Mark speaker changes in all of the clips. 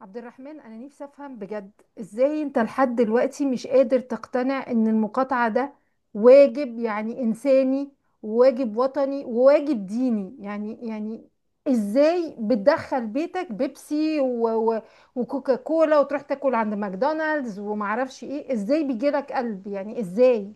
Speaker 1: عبد الرحمن، أنا نفسي أفهم بجد إزاي أنت لحد دلوقتي مش قادر تقتنع إن المقاطعة ده واجب، يعني إنساني وواجب وطني وواجب ديني. إزاي بتدخل بيتك بيبسي و و وكوكا كولا وتروح تاكل عند ماكدونالدز ومعرفش إيه؟ إزاي بيجيلك قلب؟ يعني إزاي؟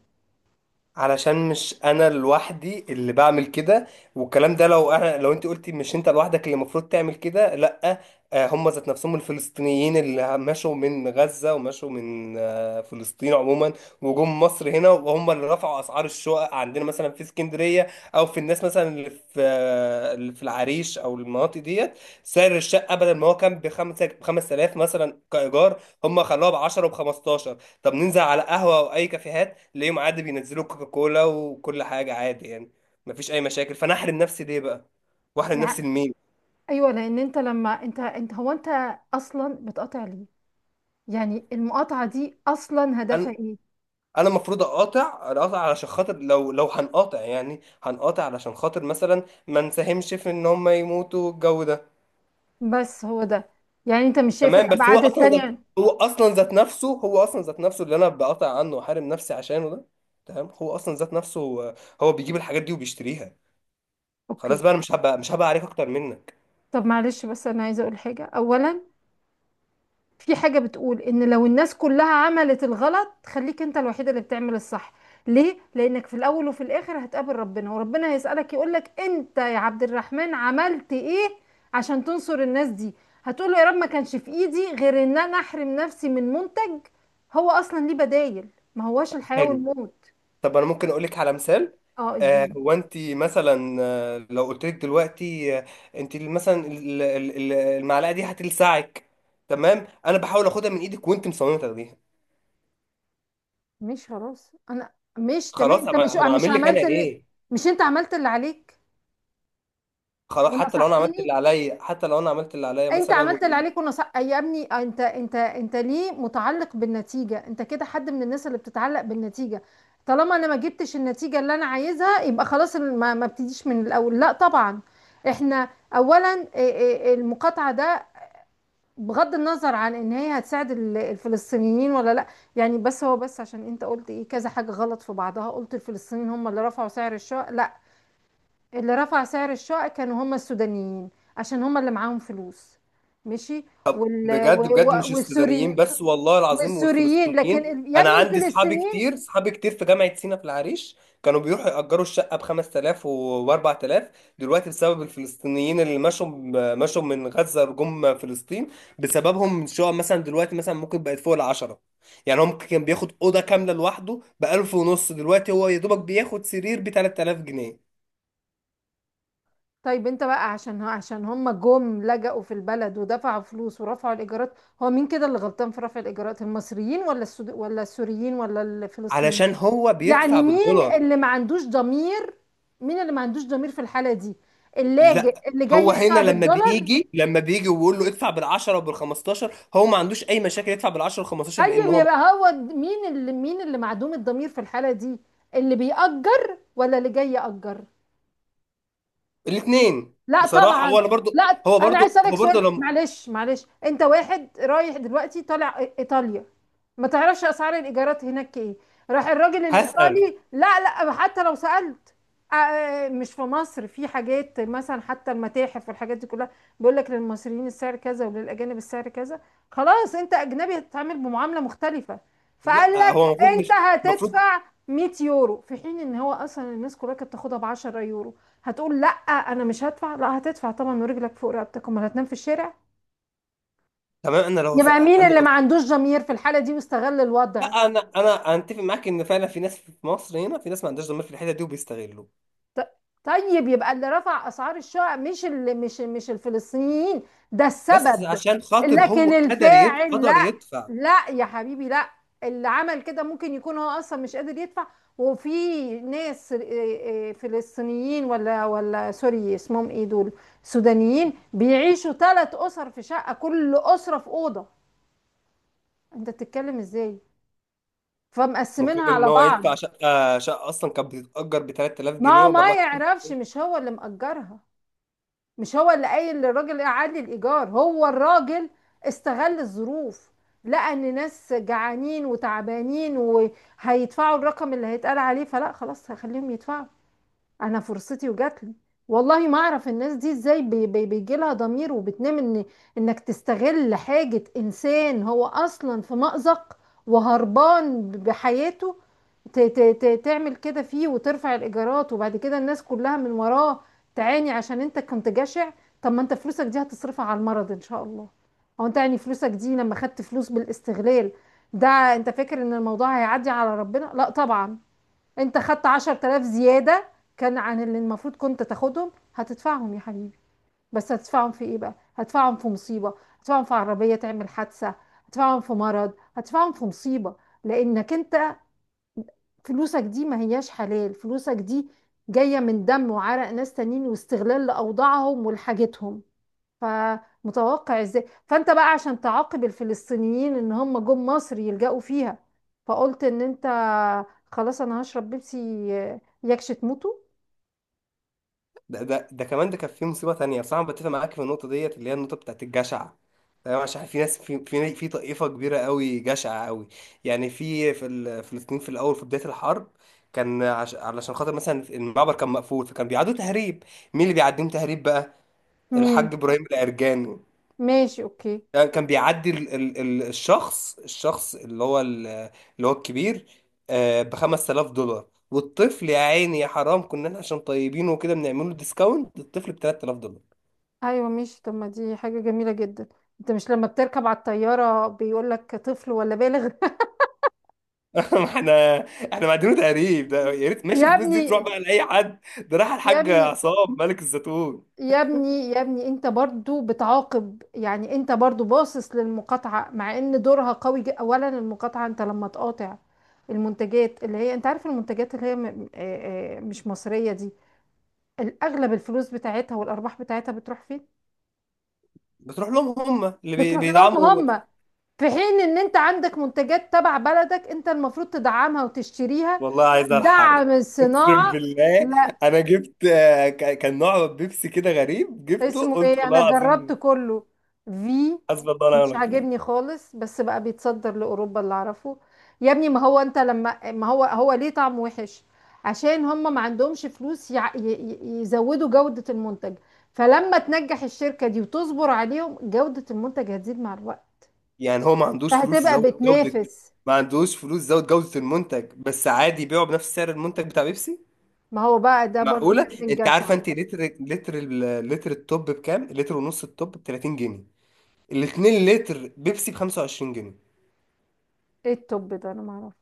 Speaker 2: علشان مش انا لوحدي اللي بعمل كده. والكلام ده، لو انت قلتي مش انت لوحدك اللي المفروض تعمل كده، لا. هم ذات نفسهم الفلسطينيين اللي مشوا من غزة ومشوا من فلسطين عموما، وجم مصر هنا، وهم اللي رفعوا اسعار الشقق عندنا مثلا في اسكندرية. او في الناس مثلا اللي في اللي في العريش او المناطق ديت. سعر الشقة بدل ما هو كان بخمسة، بخمس آلاف مثلا كإيجار، هم خلوها ب 10 وب 15. طب ننزل على قهوة او اي كافيهات، تلاقيهم عادي بينزلوا كوكا كولا وكل حاجه عادي، يعني مفيش اي مشاكل. فانا احرم نفسي ليه بقى؟ واحرم نفسي
Speaker 1: يعني
Speaker 2: لمين؟
Speaker 1: أيوة، لأن أنت لما أنت أصلا بتقاطع ليه؟ يعني المقاطعة دي أصلا هدفها
Speaker 2: انا
Speaker 1: إيه؟
Speaker 2: انا المفروض اقاطع علشان خاطر، لو هنقاطع، يعني هنقاطع علشان خاطر مثلا ما نساهمش في ان هم يموتوا الجو ده.
Speaker 1: بس هو ده، يعني انت مش شايف
Speaker 2: تمام، بس هو
Speaker 1: الابعاد
Speaker 2: اصلا ذات
Speaker 1: التانية.
Speaker 2: هو اصلا ذات نفسه هو اصلا ذات نفسه اللي انا بقاطع عنه واحارم نفسي عشانه ده. تمام، هو اصلا ذات نفسه. هو هو بيجيب الحاجات دي وبيشتريها.
Speaker 1: اوكي.
Speaker 2: خلاص بقى، انا مش هبقى عليك اكتر منك.
Speaker 1: طب معلش، بس انا عايزه اقول حاجه اولا. في حاجه بتقول ان لو الناس كلها عملت الغلط، خليك انت الوحيده اللي بتعمل الصح. ليه؟ لانك في الاول وفي الاخر هتقابل ربنا، وربنا هيسالك، يقولك: انت يا عبد الرحمن عملت ايه عشان تنصر الناس دي؟ هتقول له: يا رب، ما كانش في ايدي غير ان انا احرم نفسي من منتج هو اصلا ليه بدايل، ما هواش الحياه
Speaker 2: حلو،
Speaker 1: والموت.
Speaker 2: طب انا ممكن اقول لك على مثال.
Speaker 1: اه، الدين.
Speaker 2: هو انت مثلا، لو قلت لك دلوقتي، انت مثلا المعلقه دي هتلسعك، تمام؟ انا بحاول اخدها من ايدك وانت مصممه تاخديها.
Speaker 1: مش خلاص انا مش تمام
Speaker 2: خلاص،
Speaker 1: انت مش
Speaker 2: طب
Speaker 1: مش
Speaker 2: اعمل لك انا
Speaker 1: عملت اللي،
Speaker 2: ايه؟
Speaker 1: مش انت عملت اللي عليك
Speaker 2: خلاص،
Speaker 1: ونصحتني.
Speaker 2: حتى لو انا عملت اللي عليا
Speaker 1: انت
Speaker 2: مثلا.
Speaker 1: عملت اللي عليك ونصح يا ابني. انت ليه متعلق بالنتيجة؟ انت كده حد من الناس اللي بتتعلق بالنتيجة. طالما انا ما جبتش النتيجة اللي انا عايزها يبقى خلاص ما ابتديش من الاول؟ لا طبعا. احنا اولا، إيه المقاطعة ده؟ بغض النظر عن ان هي هتساعد الفلسطينيين ولا لا. يعني بس عشان انت قلت ايه كذا حاجة غلط في بعضها. قلت الفلسطينيين هم اللي رفعوا سعر الشقق؟ لا، اللي رفع سعر الشقق كانوا هم السودانيين عشان هم اللي معاهم فلوس. ماشي. وال... و...
Speaker 2: بجد بجد، مش
Speaker 1: و...
Speaker 2: السودانيين
Speaker 1: والسوري
Speaker 2: بس، والله العظيم،
Speaker 1: والسوريين، لكن
Speaker 2: والفلسطينيين.
Speaker 1: يا
Speaker 2: انا
Speaker 1: ابني
Speaker 2: عندي اصحابي
Speaker 1: الفلسطينيين.
Speaker 2: كتير، اصحابي كتير في جامعة سينا في العريش، كانوا بيروحوا يأجروا الشقة ب 5000 و 4000. دلوقتي بسبب الفلسطينيين اللي مشوا، مشوا من غزة جم فلسطين، بسببهم شقق مثلا دلوقتي مثلا ممكن بقت فوق العشرة. يعني هم كان بياخد أوضة كاملة لوحده ب 1000 ونص، دلوقتي هو يا دوبك بياخد سرير ب 3000 جنيه،
Speaker 1: طيب انت بقى عشان هم جم لجأوا في البلد ودفعوا فلوس ورفعوا الايجارات. هو مين كده اللي غلطان في رفع الايجارات؟ المصريين ولا السوريين ولا الفلسطينيين؟
Speaker 2: علشان هو بيدفع
Speaker 1: يعني مين
Speaker 2: بالدولار.
Speaker 1: اللي ما عندوش ضمير؟ مين اللي ما عندوش ضمير في الحالة دي؟ اللاجئ
Speaker 2: لا،
Speaker 1: اللي جاي
Speaker 2: هو هنا
Speaker 1: يدفع
Speaker 2: لما
Speaker 1: بالدولار؟
Speaker 2: بيجي لما بيجي ويقول له ادفع بال10 وبال15، هو ما عندوش اي مشاكل يدفع بال10 وال15، لان
Speaker 1: طيب
Speaker 2: هو.
Speaker 1: يبقى مين اللي معدوم الضمير في الحالة دي؟ اللي بيأجر ولا اللي جاي يأجر؟
Speaker 2: الاثنين
Speaker 1: لا
Speaker 2: بصراحه، هو
Speaker 1: طبعا،
Speaker 2: انا برضو.
Speaker 1: لا.
Speaker 2: هو
Speaker 1: انا عايز
Speaker 2: برضو،
Speaker 1: اسالك
Speaker 2: هو برضو
Speaker 1: سؤال.
Speaker 2: لما.
Speaker 1: معلش معلش، انت واحد رايح دلوقتي طالع ايطاليا، ما تعرفش اسعار الايجارات هناك ايه. راح الراجل
Speaker 2: هسأل.
Speaker 1: الايطالي، لا لا، حتى لو سالت. مش في مصر في حاجات مثلا حتى المتاحف والحاجات دي كلها، بيقول لك للمصريين السعر كذا وللاجانب السعر كذا. خلاص انت اجنبي هتتعامل بمعامله مختلفه. فقال
Speaker 2: لا،
Speaker 1: لك
Speaker 2: هو المفروض
Speaker 1: انت
Speaker 2: مش، المفروض.
Speaker 1: هتدفع 100 يورو، في حين ان هو اصلا الناس كلها كانت بتاخدها ب 10 يورو. هتقول لا انا مش هدفع؟ لا، هتدفع طبعا، ورجلك فوق رقبتك، امال هتنام في الشارع.
Speaker 2: تمام،
Speaker 1: يبقى مين
Speaker 2: انا
Speaker 1: اللي
Speaker 2: لو،
Speaker 1: ما عندوش ضمير في الحالة دي واستغل
Speaker 2: لا،
Speaker 1: الوضع؟
Speaker 2: انا اتفق معاك ان فعلا في ناس في مصر هنا، في ناس ما عندهاش ضمير في الحته دي وبيستغلوا.
Speaker 1: ط- طيب يبقى اللي رفع اسعار الشقق مش اللي مش مش الفلسطينيين، ده
Speaker 2: بس
Speaker 1: السبب،
Speaker 2: عشان خاطر هو
Speaker 1: لكن الفاعل
Speaker 2: قدر
Speaker 1: لا.
Speaker 2: يدفع،
Speaker 1: لا يا حبيبي، لا. اللي عمل كده ممكن يكون هو اصلا مش قادر يدفع. وفي ناس فلسطينيين ولا سوري اسمهم ايه دول، سودانيين بيعيشوا 3 اسر في شقة، كل اسرة في اوضة. انت بتتكلم ازاي؟ فمقسمينها
Speaker 2: مقابل ان
Speaker 1: على
Speaker 2: هو
Speaker 1: بعض.
Speaker 2: يدفع. شقه، شقه اصلا كانت بتتأجر ب 3000
Speaker 1: ما
Speaker 2: جنيه
Speaker 1: هو
Speaker 2: وب
Speaker 1: ما يعرفش،
Speaker 2: 4000.
Speaker 1: مش هو اللي مأجرها، مش هو اللي قايل للراجل اعلي الايجار. هو الراجل استغل الظروف. لقى ان ناس جعانين وتعبانين وهيدفعوا الرقم اللي هيتقال عليه، فلا خلاص هخليهم يدفعوا، انا فرصتي وجاتلي. والله ما اعرف الناس دي ازاي بي بي بيجي لها ضمير وبتنام، ان انك تستغل حاجة، انسان هو اصلا في مأزق وهربان بحياته، ت ت ت تعمل كده فيه وترفع الايجارات، وبعد كده الناس كلها من وراه تعاني عشان انت كنت جشع. طب ما انت فلوسك دي هتصرفها على المرض ان شاء الله. هو انت يعني فلوسك دي لما خدت فلوس بالاستغلال، ده انت فاكر ان الموضوع هيعدي على ربنا؟ لا طبعا. انت خدت 10000 زيادة كان عن اللي المفروض كنت تاخدهم، هتدفعهم يا حبيبي. بس هتدفعهم في ايه بقى؟ هتدفعهم في مصيبة، هتدفعهم في عربية تعمل حادثة، هتدفعهم في مرض، هتدفعهم في مصيبة. لانك انت فلوسك دي ما هياش حلال، فلوسك دي جاية من دم وعرق ناس تانيين واستغلال لأوضاعهم ولحاجتهم. فمتوقع ازاي، فانت بقى عشان تعاقب الفلسطينيين ان هم جم مصر يلجأوا فيها، فقلت ان انت خلاص انا هشرب بيبسي يكش تموتوا.
Speaker 2: ده كمان، ده كان في مصيبه تانية بصراحه. أنا بتفق معاك في النقطه ديت، اللي هي النقطه بتاعت الجشع، تمام؟ عشان في ناس، في طائفه كبيره قوي جشعه قوي. يعني فلسطين، في الاول في بدايه الحرب، علشان خاطر مثلا المعبر كان مقفول، فكان بيعدوا تهريب. مين اللي بيعديهم تهريب بقى؟
Speaker 1: مين؟
Speaker 2: الحاج ابراهيم العرجاني.
Speaker 1: ماشي، اوكي.
Speaker 2: كان بيعدي ال ال ال الشخص، اللي هو الكبير ب 5000 دولار، والطفل يا عيني يا حرام، كنا احنا عشان طيبين وكده بنعمل له ديسكاونت، الطفل ب 3000 دولار.
Speaker 1: ايوه ماشي، طب ما دي حاجة جميلة جدا، انت مش لما بتركب على الطيارة بيقول لك طفل ولا بالغ؟
Speaker 2: ما احنا، احنا معدينه تقريب ده. يا ريت ماشي
Speaker 1: يا
Speaker 2: الفلوس دي تروح
Speaker 1: ابني
Speaker 2: بقى لاي حد، ده راح
Speaker 1: يا
Speaker 2: الحاج
Speaker 1: ابني
Speaker 2: عصام ملك الزيتون.
Speaker 1: يا ابني يا ابني، انت برضو بتعاقب، يعني انت برضو باصص للمقاطعة مع ان دورها قوي جدا. اولا المقاطعة، انت لما تقاطع المنتجات اللي هي، انت عارف المنتجات اللي هي مش مصرية دي، الاغلب الفلوس بتاعتها والارباح بتاعتها بتروح فين؟
Speaker 2: بتروح لهم، هم اللي
Speaker 1: بتروح لهم
Speaker 2: بيدعموا.
Speaker 1: هم. في حين ان انت عندك منتجات تبع بلدك انت المفروض تدعمها وتشتريها،
Speaker 2: والله عايز الحرب،
Speaker 1: دعم
Speaker 2: اقسم
Speaker 1: الصناعة.
Speaker 2: بالله.
Speaker 1: لا.
Speaker 2: انا جبت كان نوع بيبسي كده غريب، جبته
Speaker 1: اسمه
Speaker 2: قلت
Speaker 1: ايه،
Speaker 2: والله
Speaker 1: انا جربت
Speaker 2: العظيم،
Speaker 1: كله. في،
Speaker 2: حسبي الله ونعم
Speaker 1: مش
Speaker 2: الوكيل.
Speaker 1: عاجبني خالص، بس بقى بيتصدر لاوروبا اللي اعرفه. يا ابني، ما هو هو ليه طعم وحش؟ عشان هم ما عندهمش فلوس يزودوا جودة المنتج. فلما تنجح الشركة دي وتصبر عليهم، جودة المنتج هتزيد مع الوقت،
Speaker 2: يعني هو ما عندوش فلوس
Speaker 1: فهتبقى
Speaker 2: يزود جودة؟
Speaker 1: بتنافس.
Speaker 2: ما عندوش فلوس يزود جودة المنتج، بس عادي يبيعه بنفس سعر المنتج بتاع بيبسي؟
Speaker 1: ما هو بقى ده برضو
Speaker 2: معقولة؟
Speaker 1: كان من
Speaker 2: انت عارفة،
Speaker 1: جشع.
Speaker 2: انت لتر لتر ال- لتر التوب بكام؟ لتر ونص التوب ب 30 جنيه، الاتنين لتر بيبسي ب 25 جنيه.
Speaker 1: ايه التوب ده، انا ما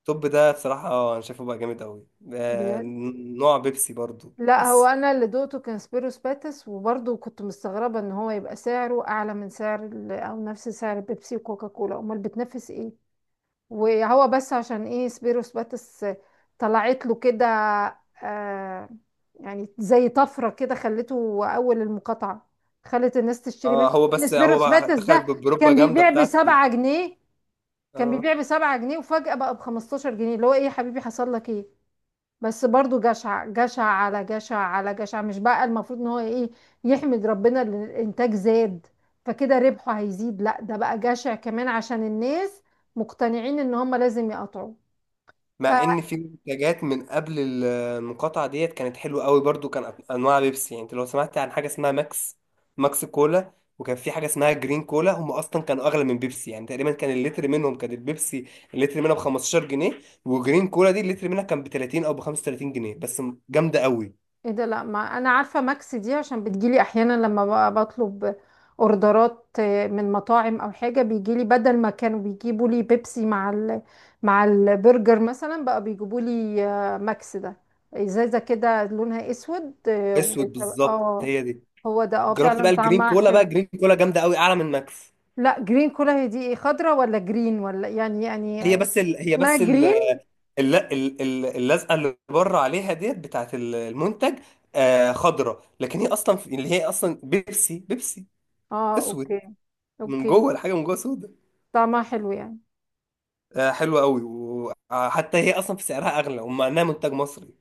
Speaker 2: التوب ده بصراحة، اه، انا شايفه بقى جامد قوي. آه،
Speaker 1: اعرفه.
Speaker 2: نوع بيبسي برضو،
Speaker 1: لا هو
Speaker 2: بس.
Speaker 1: انا اللي دوقته كان سبيروس باتس، وبرضه كنت مستغربه ان هو يبقى سعره اعلى من سعر او نفس سعر بيبسي وكوكا كولا، امال بتنافس ايه؟ وهو بس عشان ايه سبيروس باتس طلعت له كده؟ آه، يعني زي طفره كده خلته اول المقاطعه، خلت الناس تشتري منه.
Speaker 2: اه، هو
Speaker 1: ان
Speaker 2: بس، هو
Speaker 1: سبيروس
Speaker 2: بقى
Speaker 1: باتس
Speaker 2: دخل
Speaker 1: ده
Speaker 2: بالبروبا
Speaker 1: كان
Speaker 2: جامدة
Speaker 1: بيبيع
Speaker 2: بتاعته دي.
Speaker 1: بسبعة جنيه كان
Speaker 2: اه،
Speaker 1: بيبيع بسبعة جنيه وفجأة بقى ب15 جنيه، اللي هو ايه يا حبيبي حصل لك ايه؟ بس برضو جشع جشع على جشع على جشع. مش بقى المفروض ان هو ايه، يحمد ربنا ان الانتاج زاد فكده ربحه هيزيد؟ لا، ده بقى جشع كمان عشان الناس مقتنعين ان هم لازم يقطعوا. ف
Speaker 2: مع ان في منتجات من قبل المقاطعه ديت كانت حلوه قوي برضو. كان انواع بيبسي، يعني انت لو سمعت عن حاجه اسمها ماكس، ماكس كولا، وكان في حاجه اسمها جرين كولا. هم اصلا كانوا اغلى من بيبسي، يعني تقريبا كان اللتر منهم، كان البيبسي اللتر منها ب 15 جنيه، وجرين كولا دي اللتر منها كان ب 30 او ب 35 جنيه، جامده قوي.
Speaker 1: ايه ده؟ لا، ما انا عارفه، ماكس دي، عشان بتجيلي احيانا لما بقى بطلب اوردرات من مطاعم او حاجه بيجيلي، بدل ما كانوا بيجيبوا لي بيبسي مع مع البرجر مثلا، بقى بيجيبوا لي ماكس ده. ازازه كده لونها اسود، اه،
Speaker 2: اسود بالظبط، هي دي.
Speaker 1: هو ده، اه،
Speaker 2: جربت
Speaker 1: فعلا
Speaker 2: بقى الجرين
Speaker 1: طعمها
Speaker 2: كولا بقى،
Speaker 1: حلو.
Speaker 2: جرين كولا جامده قوي، اعلى من ماكس.
Speaker 1: لا جرين كلها هي دي ايه؟ خضرة ولا جرين ولا؟ يعني
Speaker 2: هي بس ال... هي
Speaker 1: اسمها
Speaker 2: بس الل-
Speaker 1: جرين.
Speaker 2: ال- ال- اللزقه اللي بره عليها ديت بتاعت المنتج، آه، خضره، لكن اللي هي اصلا بيبسي. بيبسي
Speaker 1: اه،
Speaker 2: اسود،
Speaker 1: اوكي.
Speaker 2: من
Speaker 1: اوكي
Speaker 2: جوه الحاجه من جوه سودا.
Speaker 1: طعمها حلو يعني.
Speaker 2: آه، حلوه قوي، وحتى هي اصلا في سعرها اغلى، ومع انها منتج مصري.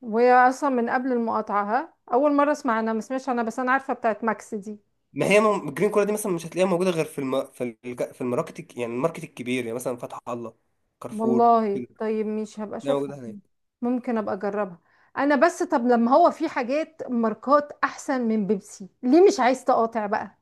Speaker 1: وهي اصلا من قبل المقاطعة؟ ها، اول مرة اسمع، انا ما سمعتش، انا بس انا عارفة بتاعت ماكس دي.
Speaker 2: ما هي الجرين كولا دي مثلا مش هتلاقيها موجوده غير في الماركت يعني الماركت الكبير، يعني مثلا فتح الله، كارفور
Speaker 1: والله
Speaker 2: كده.
Speaker 1: طيب مش هبقى
Speaker 2: هتلاقيها
Speaker 1: اشوفها
Speaker 2: موجوده
Speaker 1: دي،
Speaker 2: هناك.
Speaker 1: ممكن ابقى اجربها. انا بس طب لما هو في حاجات ماركات احسن من بيبسي، ليه مش عايز تقاطع بقى؟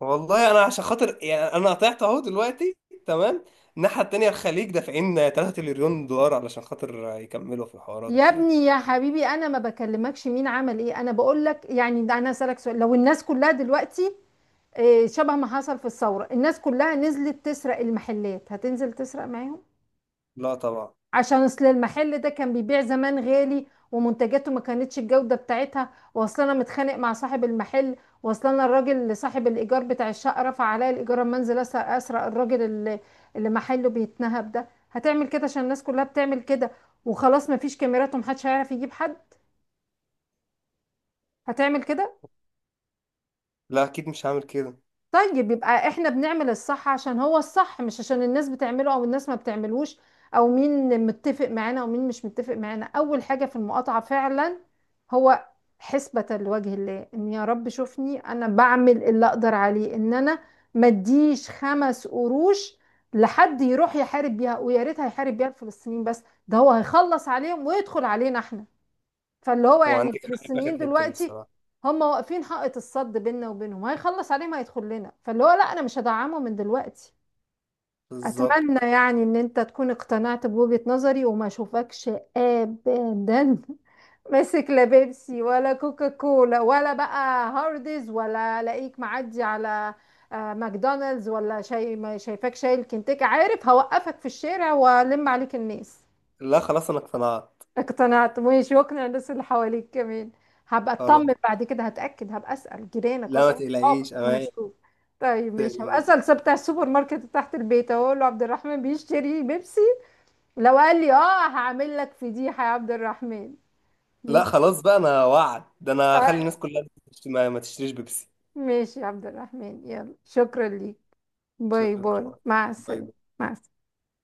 Speaker 2: والله انا عشان خاطر، يعني انا طلعت اهو دلوقتي، تمام؟ الناحيه التانيه الخليج دافعين 3 تريليون دولار علشان خاطر يكملوا في الحوارات
Speaker 1: يا
Speaker 2: ديت.
Speaker 1: ابني يا حبيبي، انا ما بكلمكش مين عمل ايه، انا بقول لك يعني. ده انا اسالك سؤال، لو الناس كلها دلوقتي، شبه ما حصل في الثوره، الناس كلها نزلت تسرق المحلات، هتنزل تسرق معاهم؟
Speaker 2: لا طبعا.
Speaker 1: عشان اصل المحل ده كان بيبيع زمان غالي، ومنتجاته ما كانتش الجوده بتاعتها، واصل انا متخانق مع صاحب المحل، واصل انا الراجل اللي صاحب الايجار بتاع الشقه رفع عليا الايجار، اما انزل اسرق، الراجل اللي اللي محله بيتنهب ده، هتعمل كده عشان الناس كلها بتعمل كده وخلاص مفيش كاميرات ومحدش هيعرف يجيب حد؟ هتعمل كده؟
Speaker 2: لا، اكيد مش هعمل كده.
Speaker 1: طيب يبقى احنا بنعمل الصح عشان هو الصح، مش عشان الناس بتعمله او الناس ما بتعملوش، او مين متفق معانا او مين مش متفق معانا. اول حاجة في المقاطعة فعلا هو حسبة لوجه الله، ان يا رب شوفني انا بعمل اللي اقدر عليه، ان انا ما اديش 5 قروش لحد يروح يحارب بيها. ويا ريت هيحارب بيها الفلسطينيين بس، ده هو هيخلص عليهم ويدخل علينا احنا. فاللي هو
Speaker 2: هو
Speaker 1: يعني
Speaker 2: عندك حق في اخر
Speaker 1: الفلسطينيين
Speaker 2: حته دي
Speaker 1: دلوقتي
Speaker 2: بصراحه،
Speaker 1: هم واقفين حائط الصد بيننا وبينهم، هيخلص عليهم هيدخل لنا، فاللي هو لا انا مش هدعمه من دلوقتي.
Speaker 2: بالظبط.
Speaker 1: اتمنى يعني ان انت تكون اقتنعت بوجهة نظري، وما اشوفكش ابدا ماسك لا بيبسي ولا كوكا كولا ولا بقى هارديز، ولا الاقيك معدي على ماكدونالدز ولا شيء، ما شايفاك شايل كنتاكي، عارف هوقفك في الشارع والم عليك الناس.
Speaker 2: لا، خلاص انا اقتنعت.
Speaker 1: اقتنعت؟ مش يقنع الناس اللي حواليك كمان؟ هبقى
Speaker 2: خلاص،
Speaker 1: اطمن بعد كده، هتأكد، هبقى اسأل جيرانك
Speaker 2: لا، ما
Speaker 1: واسأل صحابك
Speaker 2: تقلقيش.
Speaker 1: اما اشوف. طيب مش هبقى
Speaker 2: تقلقيش
Speaker 1: اسأل بتاع السوبر ماركت تحت البيت، اقول له عبد الرحمن بيشتري بيبسي؟ لو قال لي اه، هعمل لك فضيحة يا عبد الرحمن.
Speaker 2: لا
Speaker 1: مش،
Speaker 2: خلاص بقى، انا وعد ده، انا هخلي
Speaker 1: طيب،
Speaker 2: الناس كلها ما تشتريش بيبسي.
Speaker 1: ماشي يا عبد الرحمن. يلا، شكرا ليك، باي باي،
Speaker 2: شكرا،
Speaker 1: مع
Speaker 2: باي
Speaker 1: السلامة.
Speaker 2: باي.
Speaker 1: مع السلامة.